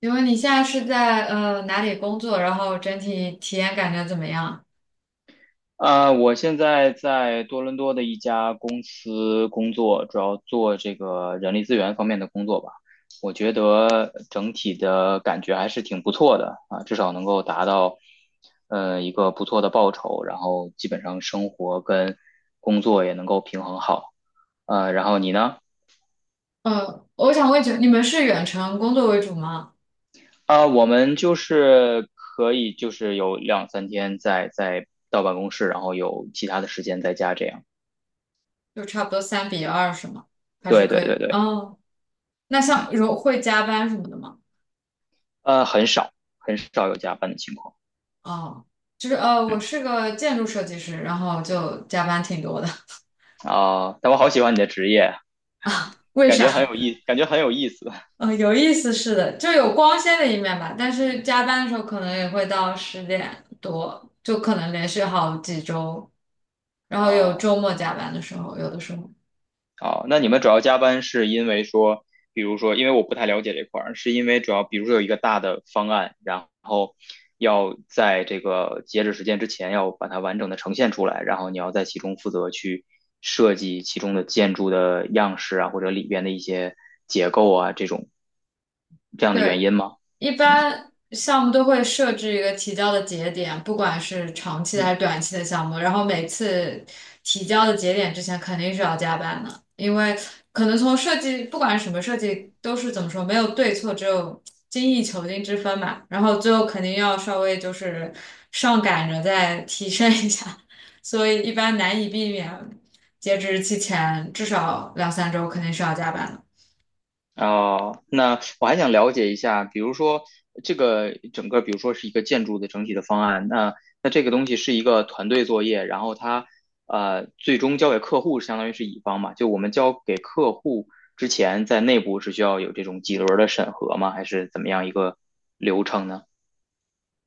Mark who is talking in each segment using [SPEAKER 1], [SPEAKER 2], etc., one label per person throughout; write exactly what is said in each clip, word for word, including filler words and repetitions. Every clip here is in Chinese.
[SPEAKER 1] 请问你现在是在呃哪里工作？然后整体体验感觉怎么样？
[SPEAKER 2] 呃，我现在在多伦多的一家公司工作，主要做这个人力资源方面的工作吧。我觉得整体的感觉还是挺不错的啊，至少能够达到呃一个不错的报酬，然后基本上生活跟工作也能够平衡好。呃，然后你呢？
[SPEAKER 1] 呃，我想问一句，你们是远程工作为主吗？
[SPEAKER 2] 啊，我们就是可以就是有两三天在在到办公室，然后有其他的时间在家这样。
[SPEAKER 1] 就差不多三比二是吗？还是
[SPEAKER 2] 对对
[SPEAKER 1] 可以？
[SPEAKER 2] 对对。
[SPEAKER 1] 哦，那像
[SPEAKER 2] 嗯。
[SPEAKER 1] 如会加班什么的吗？
[SPEAKER 2] 呃，很少很少有加班的情况。
[SPEAKER 1] 哦，就是呃，我是个建筑设计师，然后就加班挺多的。
[SPEAKER 2] 啊，但我好喜欢你的职业，
[SPEAKER 1] 为
[SPEAKER 2] 感
[SPEAKER 1] 啥？
[SPEAKER 2] 觉很有意，感觉很有意思。
[SPEAKER 1] 嗯，有意思是的，就有光鲜的一面吧，但是加班的时候可能也会到十点多，就可能连续好几周，然后有
[SPEAKER 2] 啊，
[SPEAKER 1] 周末加班的时候，有的时候。
[SPEAKER 2] 好，那你们主要加班是因为说，比如说，因为我不太了解这块儿，是因为主要比如说有一个大的方案，然后要在这个截止时间之前要把它完整的呈现出来，然后你要在其中负责去设计其中的建筑的样式啊，或者里边的一些结构啊，这种这样的原
[SPEAKER 1] 对，
[SPEAKER 2] 因吗？
[SPEAKER 1] 一般项目都会设置一个提交的节点，不管是长期的还是短期的项目，然后每次提交的节点之前肯定是要加班的，因为可能从设计，不管是什么设计，都是怎么说，没有对错，只有精益求精之分嘛。然后最后肯定要稍微就是上赶着再提升一下，所以一般难以避免截止日期前至少两三周肯定是要加班的。
[SPEAKER 2] 哦，那我还想了解一下，比如说这个整个，比如说是一个建筑的整体的方案，那那这个东西是一个团队作业，然后它呃最终交给客户，相当于是乙方嘛，就我们交给客户之前，在内部是需要有这种几轮的审核吗？还是怎么样一个流程呢？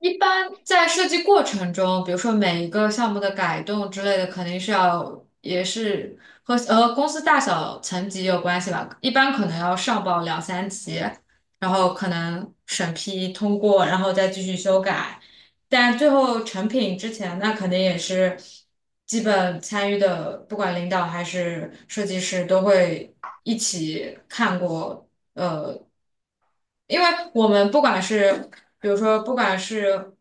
[SPEAKER 1] 一般在设计过程中，比如说每一个项目的改动之类的，肯定是要也是和呃公司大小层级有关系吧。一般可能要上报两三级，然后可能审批通过，然后再继续修改。但最后成品之前，那肯定也是基本参与的，不管领导还是设计师都会一起看过。呃因为我们不管是，比如说，不管是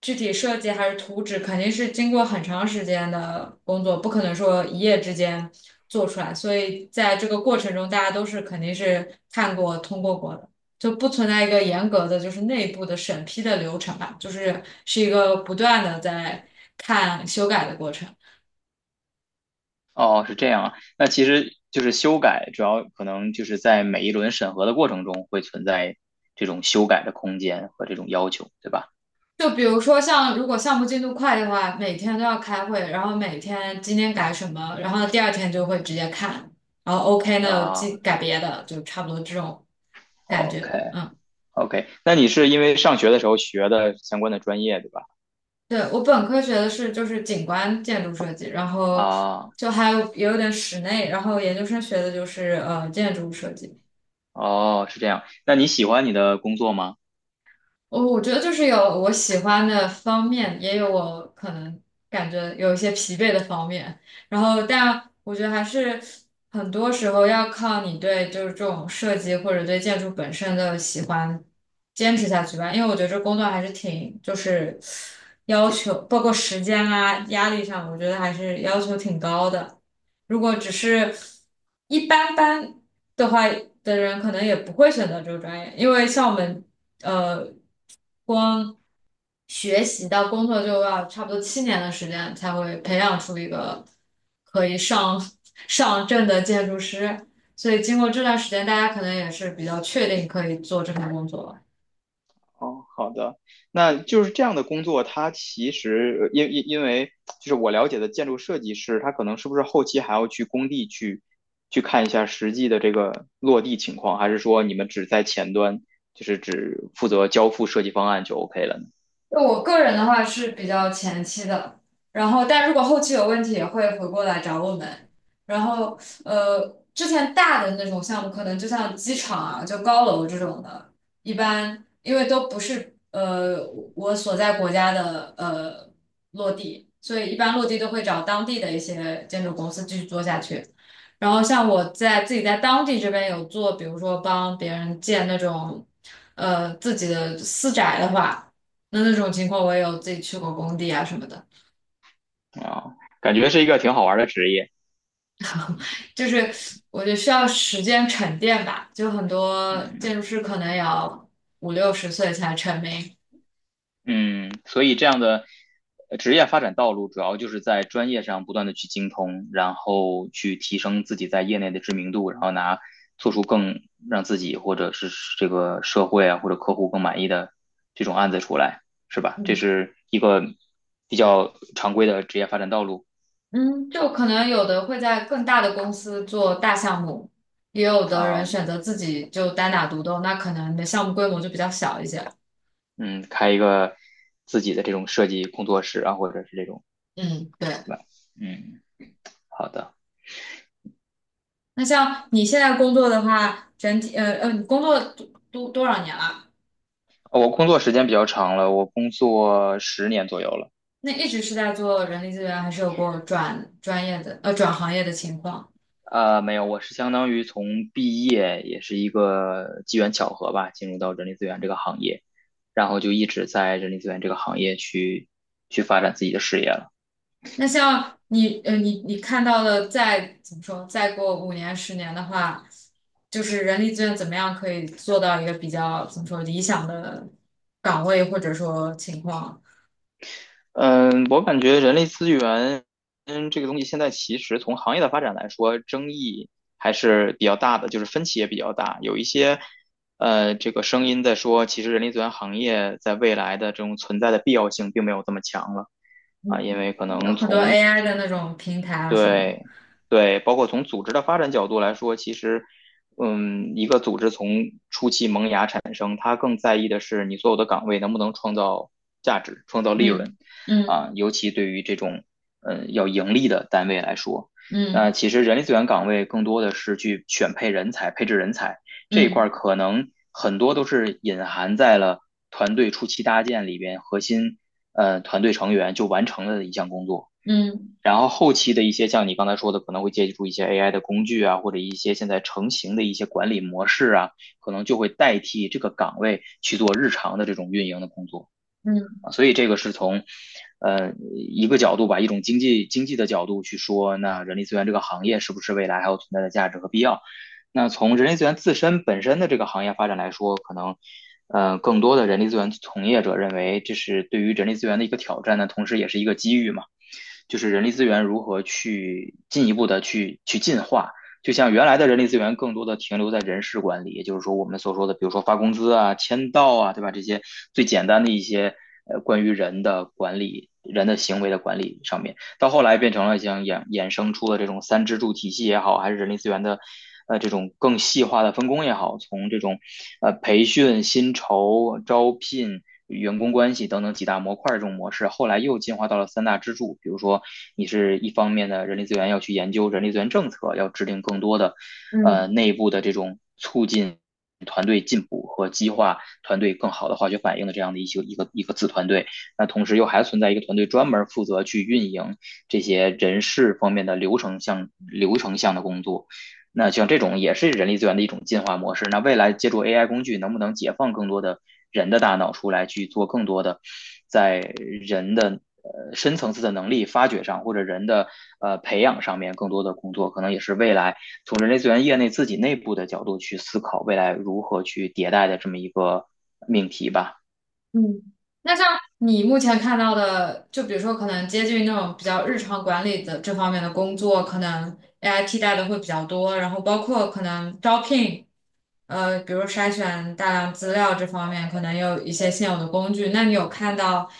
[SPEAKER 1] 具体设计还是图纸，肯定是经过很长时间的工作，不可能说一夜之间做出来。所以在这个过程中，大家都是肯定是看过、通过过的，就不存在一个严格的就是内部的审批的流程吧，就是是一个不断的在看修改的过程。
[SPEAKER 2] 哦，是这样啊，那其实就是修改，主要可能就是在每一轮审核的过程中会存在这种修改的空间和这种要求，对吧？
[SPEAKER 1] 就比如说像如果项目进度快的话，每天都要开会，然后每天今天改什么，然后第二天就会直接看，然后 OK 呢，
[SPEAKER 2] 啊
[SPEAKER 1] 进改别的，就差不多这种感觉。
[SPEAKER 2] ，OK。
[SPEAKER 1] 嗯，
[SPEAKER 2] OK，那你是因为上学的时候学的相关的专业，对吧？
[SPEAKER 1] 对，我本科学的是就是景观建筑设计，然后
[SPEAKER 2] 啊，
[SPEAKER 1] 就还有也有点室内，然后研究生学的就是呃建筑设计。
[SPEAKER 2] 哦，是这样。那你喜欢你的工作吗？
[SPEAKER 1] 我我觉得就是有我喜欢的方面，也有我可能感觉有一些疲惫的方面。然后，但我觉得还是很多时候要靠你对就是这种设计或者对建筑本身的喜欢坚持下去吧。因为我觉得这工作还是挺就是要求，包括时间啊、压力上，我觉得还是要求挺高的。如果只是一般般的话的人，可能也不会选择这个专业，因为像我们。呃。光学习到工作就要差不多七年的时间才会培养出一个可以上 上证的建筑师，所以经过这段时间，大家可能也是比较确定可以做这份工作了。
[SPEAKER 2] 哦，好的。那就是这样的工作，它其实呃因因因为就是我了解的建筑设计师，他可能是不是后期还要去工地去去看一下实际的这个落地情况，还是说你们只在前端，就是只负责交付设计方案就 OK 了
[SPEAKER 1] 就我个人的话是比较前期的，然后但如果后期有问题也会回过来找我们。然后呃，之前大的那种项目，可能就像机场啊，就高楼这种的，一般因为都不是呃我所在国家的呃落地，所以一般落地都会找当地的一些建筑公司继续做下去。然后像我在自己在当地这边有做，比如说帮别人建那种呃自己的私宅的话。那那种情况，我也有自己去过工地啊什么的，
[SPEAKER 2] 呢？啊，感觉是一个挺好玩的职业。
[SPEAKER 1] 就是我觉得需要时间沉淀吧。就很多
[SPEAKER 2] 嗯。
[SPEAKER 1] 建筑师可能也要五六十岁才成名，
[SPEAKER 2] 嗯，所以这样的呃职业发展道路，主要就是在专业上不断的去精通，然后去提升自己在业内的知名度，然后拿做出更让自己或者是这个社会啊或者客户更满意的这种案子出来，是吧？这
[SPEAKER 1] 嗯
[SPEAKER 2] 是一个比较常规的职业发展道路。
[SPEAKER 1] 嗯，就可能有的会在更大的公司做大项目，也有的人
[SPEAKER 2] 啊，
[SPEAKER 1] 选择自己就单打独斗，那可能你的项目规模就比较小一些。
[SPEAKER 2] 嗯，开一个自己的这种设计工作室啊，或者是这种，
[SPEAKER 1] 嗯，对。
[SPEAKER 2] 对吧？嗯，好的。
[SPEAKER 1] 那像你现在工作的话，整体呃呃，你工作多多多少年了？
[SPEAKER 2] 哦，我工作时间比较长了，我工作十年左右了。
[SPEAKER 1] 那一直是在做人力资源，还是有过转专业的呃转行业的情况？
[SPEAKER 2] 呃，没有，我是相当于从毕业也是一个机缘巧合吧，进入到人力资源这个行业，然后就一直在人力资源这个行业去去发展自己的事业了。
[SPEAKER 1] 那像你呃你你看到的再怎么说，再过五年十年的话，就是人力资源怎么样可以做到一个比较怎么说理想的岗位或者说情况？
[SPEAKER 2] 嗯，我感觉人力资源，嗯，这个东西现在其实从行业的发展来说，争议还是比较大的，就是分歧也比较大。有一些，呃，这个声音在说，其实人力资源行业在未来的这种存在的必要性并没有这么强了。啊，因
[SPEAKER 1] 嗯，
[SPEAKER 2] 为可
[SPEAKER 1] 有
[SPEAKER 2] 能
[SPEAKER 1] 很多
[SPEAKER 2] 从
[SPEAKER 1] A I 的那种平台啊什么的。
[SPEAKER 2] 对，对，包括从组织的发展角度来说，其实，嗯，一个组织从初期萌芽产生，它更在意的是你所有的岗位能不能创造价值、创造利润，
[SPEAKER 1] 嗯
[SPEAKER 2] 啊，尤其对于这种，嗯，要盈利的单位来说，那
[SPEAKER 1] 嗯
[SPEAKER 2] 其实人力资源岗位更多的是去选配人才、配置人才这一
[SPEAKER 1] 嗯
[SPEAKER 2] 块，可能很多都是隐含在了团队初期搭建里边核心，呃，团队成员就完成了的一项工作。
[SPEAKER 1] 嗯
[SPEAKER 2] 然后后期的一些像你刚才说的，可能会借助一些 A I 的工具啊，或者一些现在成型的一些管理模式啊，可能就会代替这个岗位去做日常的这种运营的工作
[SPEAKER 1] 嗯嗯嗯嗯。嗯
[SPEAKER 2] 啊。所以这个是从呃一个角度吧，一种经济经济的角度去说，那人力资源这个行业是不是未来还有存在的价值和必要？那从人力资源自身本身的这个行业发展来说，可能。呃，更多的人力资源从业者认为，这是对于人力资源的一个挑战呢，同时也是一个机遇嘛。就是人力资源如何去进一步的去去进化。就像原来的人力资源更多的停留在人事管理，也就是说我们所说的，比如说发工资啊、签到啊，对吧？这些最简单的一些呃关于人的管理、人的行为的管理上面。到后来变成了像衍衍生出了这种三支柱体系也好，还是人力资源的呃这种更细化的分工也好，从这种呃培训、薪酬、招聘。员工关系等等几大模块这种模式，后来又进化到了三大支柱。比如说，你是一方面的人力资源要去研究人力资源政策，要制定更多的呃
[SPEAKER 1] 嗯
[SPEAKER 2] 内部的这种促进团队进步和激化团队更好的化学反应的这样的一些一个一个子团队。那同时又还存在一个团队专门负责去运营这些人事方面的流程项、流程项的工作。那像这种也是人力资源的一种进化模式。那未来借助 A I 工具，能不能解放更多的人的大脑出来去做更多的在人的呃深层次的能力发掘上，或者人的呃培养上面更多的工作，可能也是未来从人力资源业内自己内部的角度去思考未来如何去迭代的这么一个命题吧。
[SPEAKER 1] 嗯，那像你目前看到的，就比如说可能接近那种比较日常管理的这方面的工作，可能 A I 替代的会比较多，然后包括可能招聘，呃，比如筛选大量资料这方面，可能有一些现有的工具。那你有看到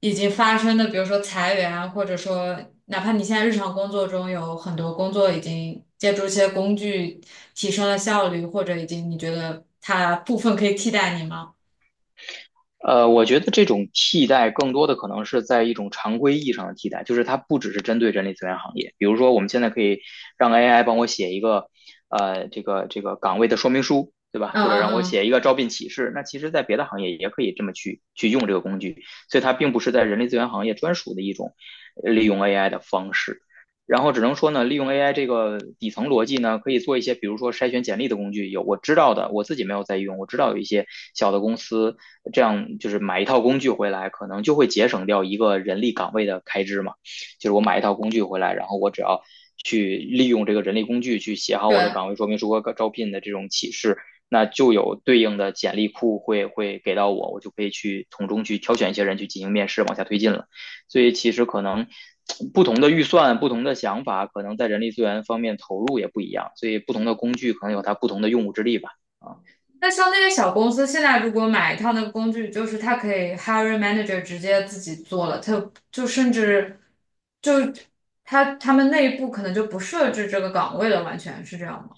[SPEAKER 1] 已经发生的，比如说裁员啊，或者说哪怕你现在日常工作中有很多工作已经借助一些工具提升了效率，或者已经你觉得它部分可以替代你吗？
[SPEAKER 2] 呃，我觉得这种替代更多的可能是在一种常规意义上的替代，就是它不只是针对人力资源行业。比如说，我们现在可以让 A I 帮我写一个，呃，这个这个岗位的说明书，对吧？
[SPEAKER 1] 嗯
[SPEAKER 2] 或者
[SPEAKER 1] 嗯
[SPEAKER 2] 让我
[SPEAKER 1] 嗯，
[SPEAKER 2] 写一个招聘启事。那其实，在别的行业也可以这么去去用这个工具，所以它并不是在人力资源行业专属的一种呃利用 A I 的方式。然后只能说呢，利用 A I 这个底层逻辑呢，可以做一些，比如说筛选简历的工具。有我知道的，我自己没有在用，我知道有一些小的公司，这样就是买一套工具回来，可能就会节省掉一个人力岗位的开支嘛。就是我买一套工具回来，然后我只要去利用这个人力工具去写好我的
[SPEAKER 1] 对，
[SPEAKER 2] 岗位说明书和招聘的这种启事，那就有对应的简历库会会给到我，我就可以去从中去挑选一些人去进行面试，往下推进了。所以其实可能不同的预算、不同的想法，可能在人力资源方面投入也不一样，所以不同的工具可能有它不同的用武之地吧。啊，
[SPEAKER 1] 那像那些小公司，现在如果买一套那个工具，就是他可以 hiring manager 直接自己做了，它就甚至就他他们内部可能就不设置这个岗位了，完全是这样吗？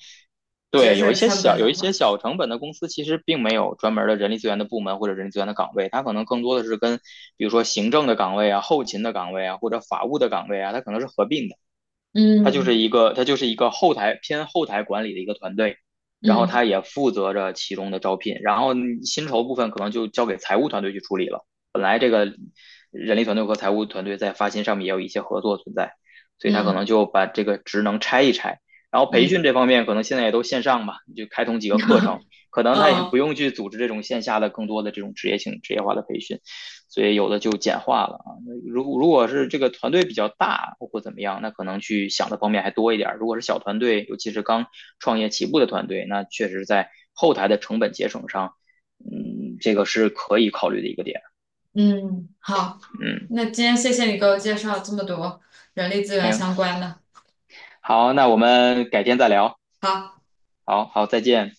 [SPEAKER 1] 节
[SPEAKER 2] 对，有一
[SPEAKER 1] 省
[SPEAKER 2] 些
[SPEAKER 1] 成
[SPEAKER 2] 小
[SPEAKER 1] 本
[SPEAKER 2] 有
[SPEAKER 1] 的
[SPEAKER 2] 一
[SPEAKER 1] 话，
[SPEAKER 2] 些小成本的公司，其实并没有专门儿的人力资源的部门或者人力资源的岗位，它可能更多的是跟比如说行政的岗位啊、后勤的岗位啊或者法务的岗位啊，它可能是合并的。他就是
[SPEAKER 1] 嗯
[SPEAKER 2] 一个他就是一个后台偏后台管理的一个团队，然后
[SPEAKER 1] 嗯
[SPEAKER 2] 他也负责着其中的招聘，然后薪酬部分可能就交给财务团队去处理了。本来这个人力团队和财务团队在发薪上面也有一些合作存在，所以他可
[SPEAKER 1] 嗯
[SPEAKER 2] 能就把这个职能拆一拆。然后培训
[SPEAKER 1] 嗯
[SPEAKER 2] 这方面可能现在也都线上吧，就开通几个课程，可能他也不
[SPEAKER 1] 嗯
[SPEAKER 2] 用去组织这种线下的更多的这种职业性职业化的培训，所以有的就简化了。如如果是这个团队比较大或怎么样，那可能去想的方面还多一点。如果是小团队，尤其是刚创业起步的团队，那确实在后台的成本节省上，嗯，这个是可以考虑的一个点。
[SPEAKER 1] 嗯，好，
[SPEAKER 2] 嗯，
[SPEAKER 1] 那今天谢谢你给我介绍这么多人力资
[SPEAKER 2] 没
[SPEAKER 1] 源
[SPEAKER 2] 有。
[SPEAKER 1] 相关的，
[SPEAKER 2] 好，那我们改天再聊。
[SPEAKER 1] 好。
[SPEAKER 2] 好好，再见。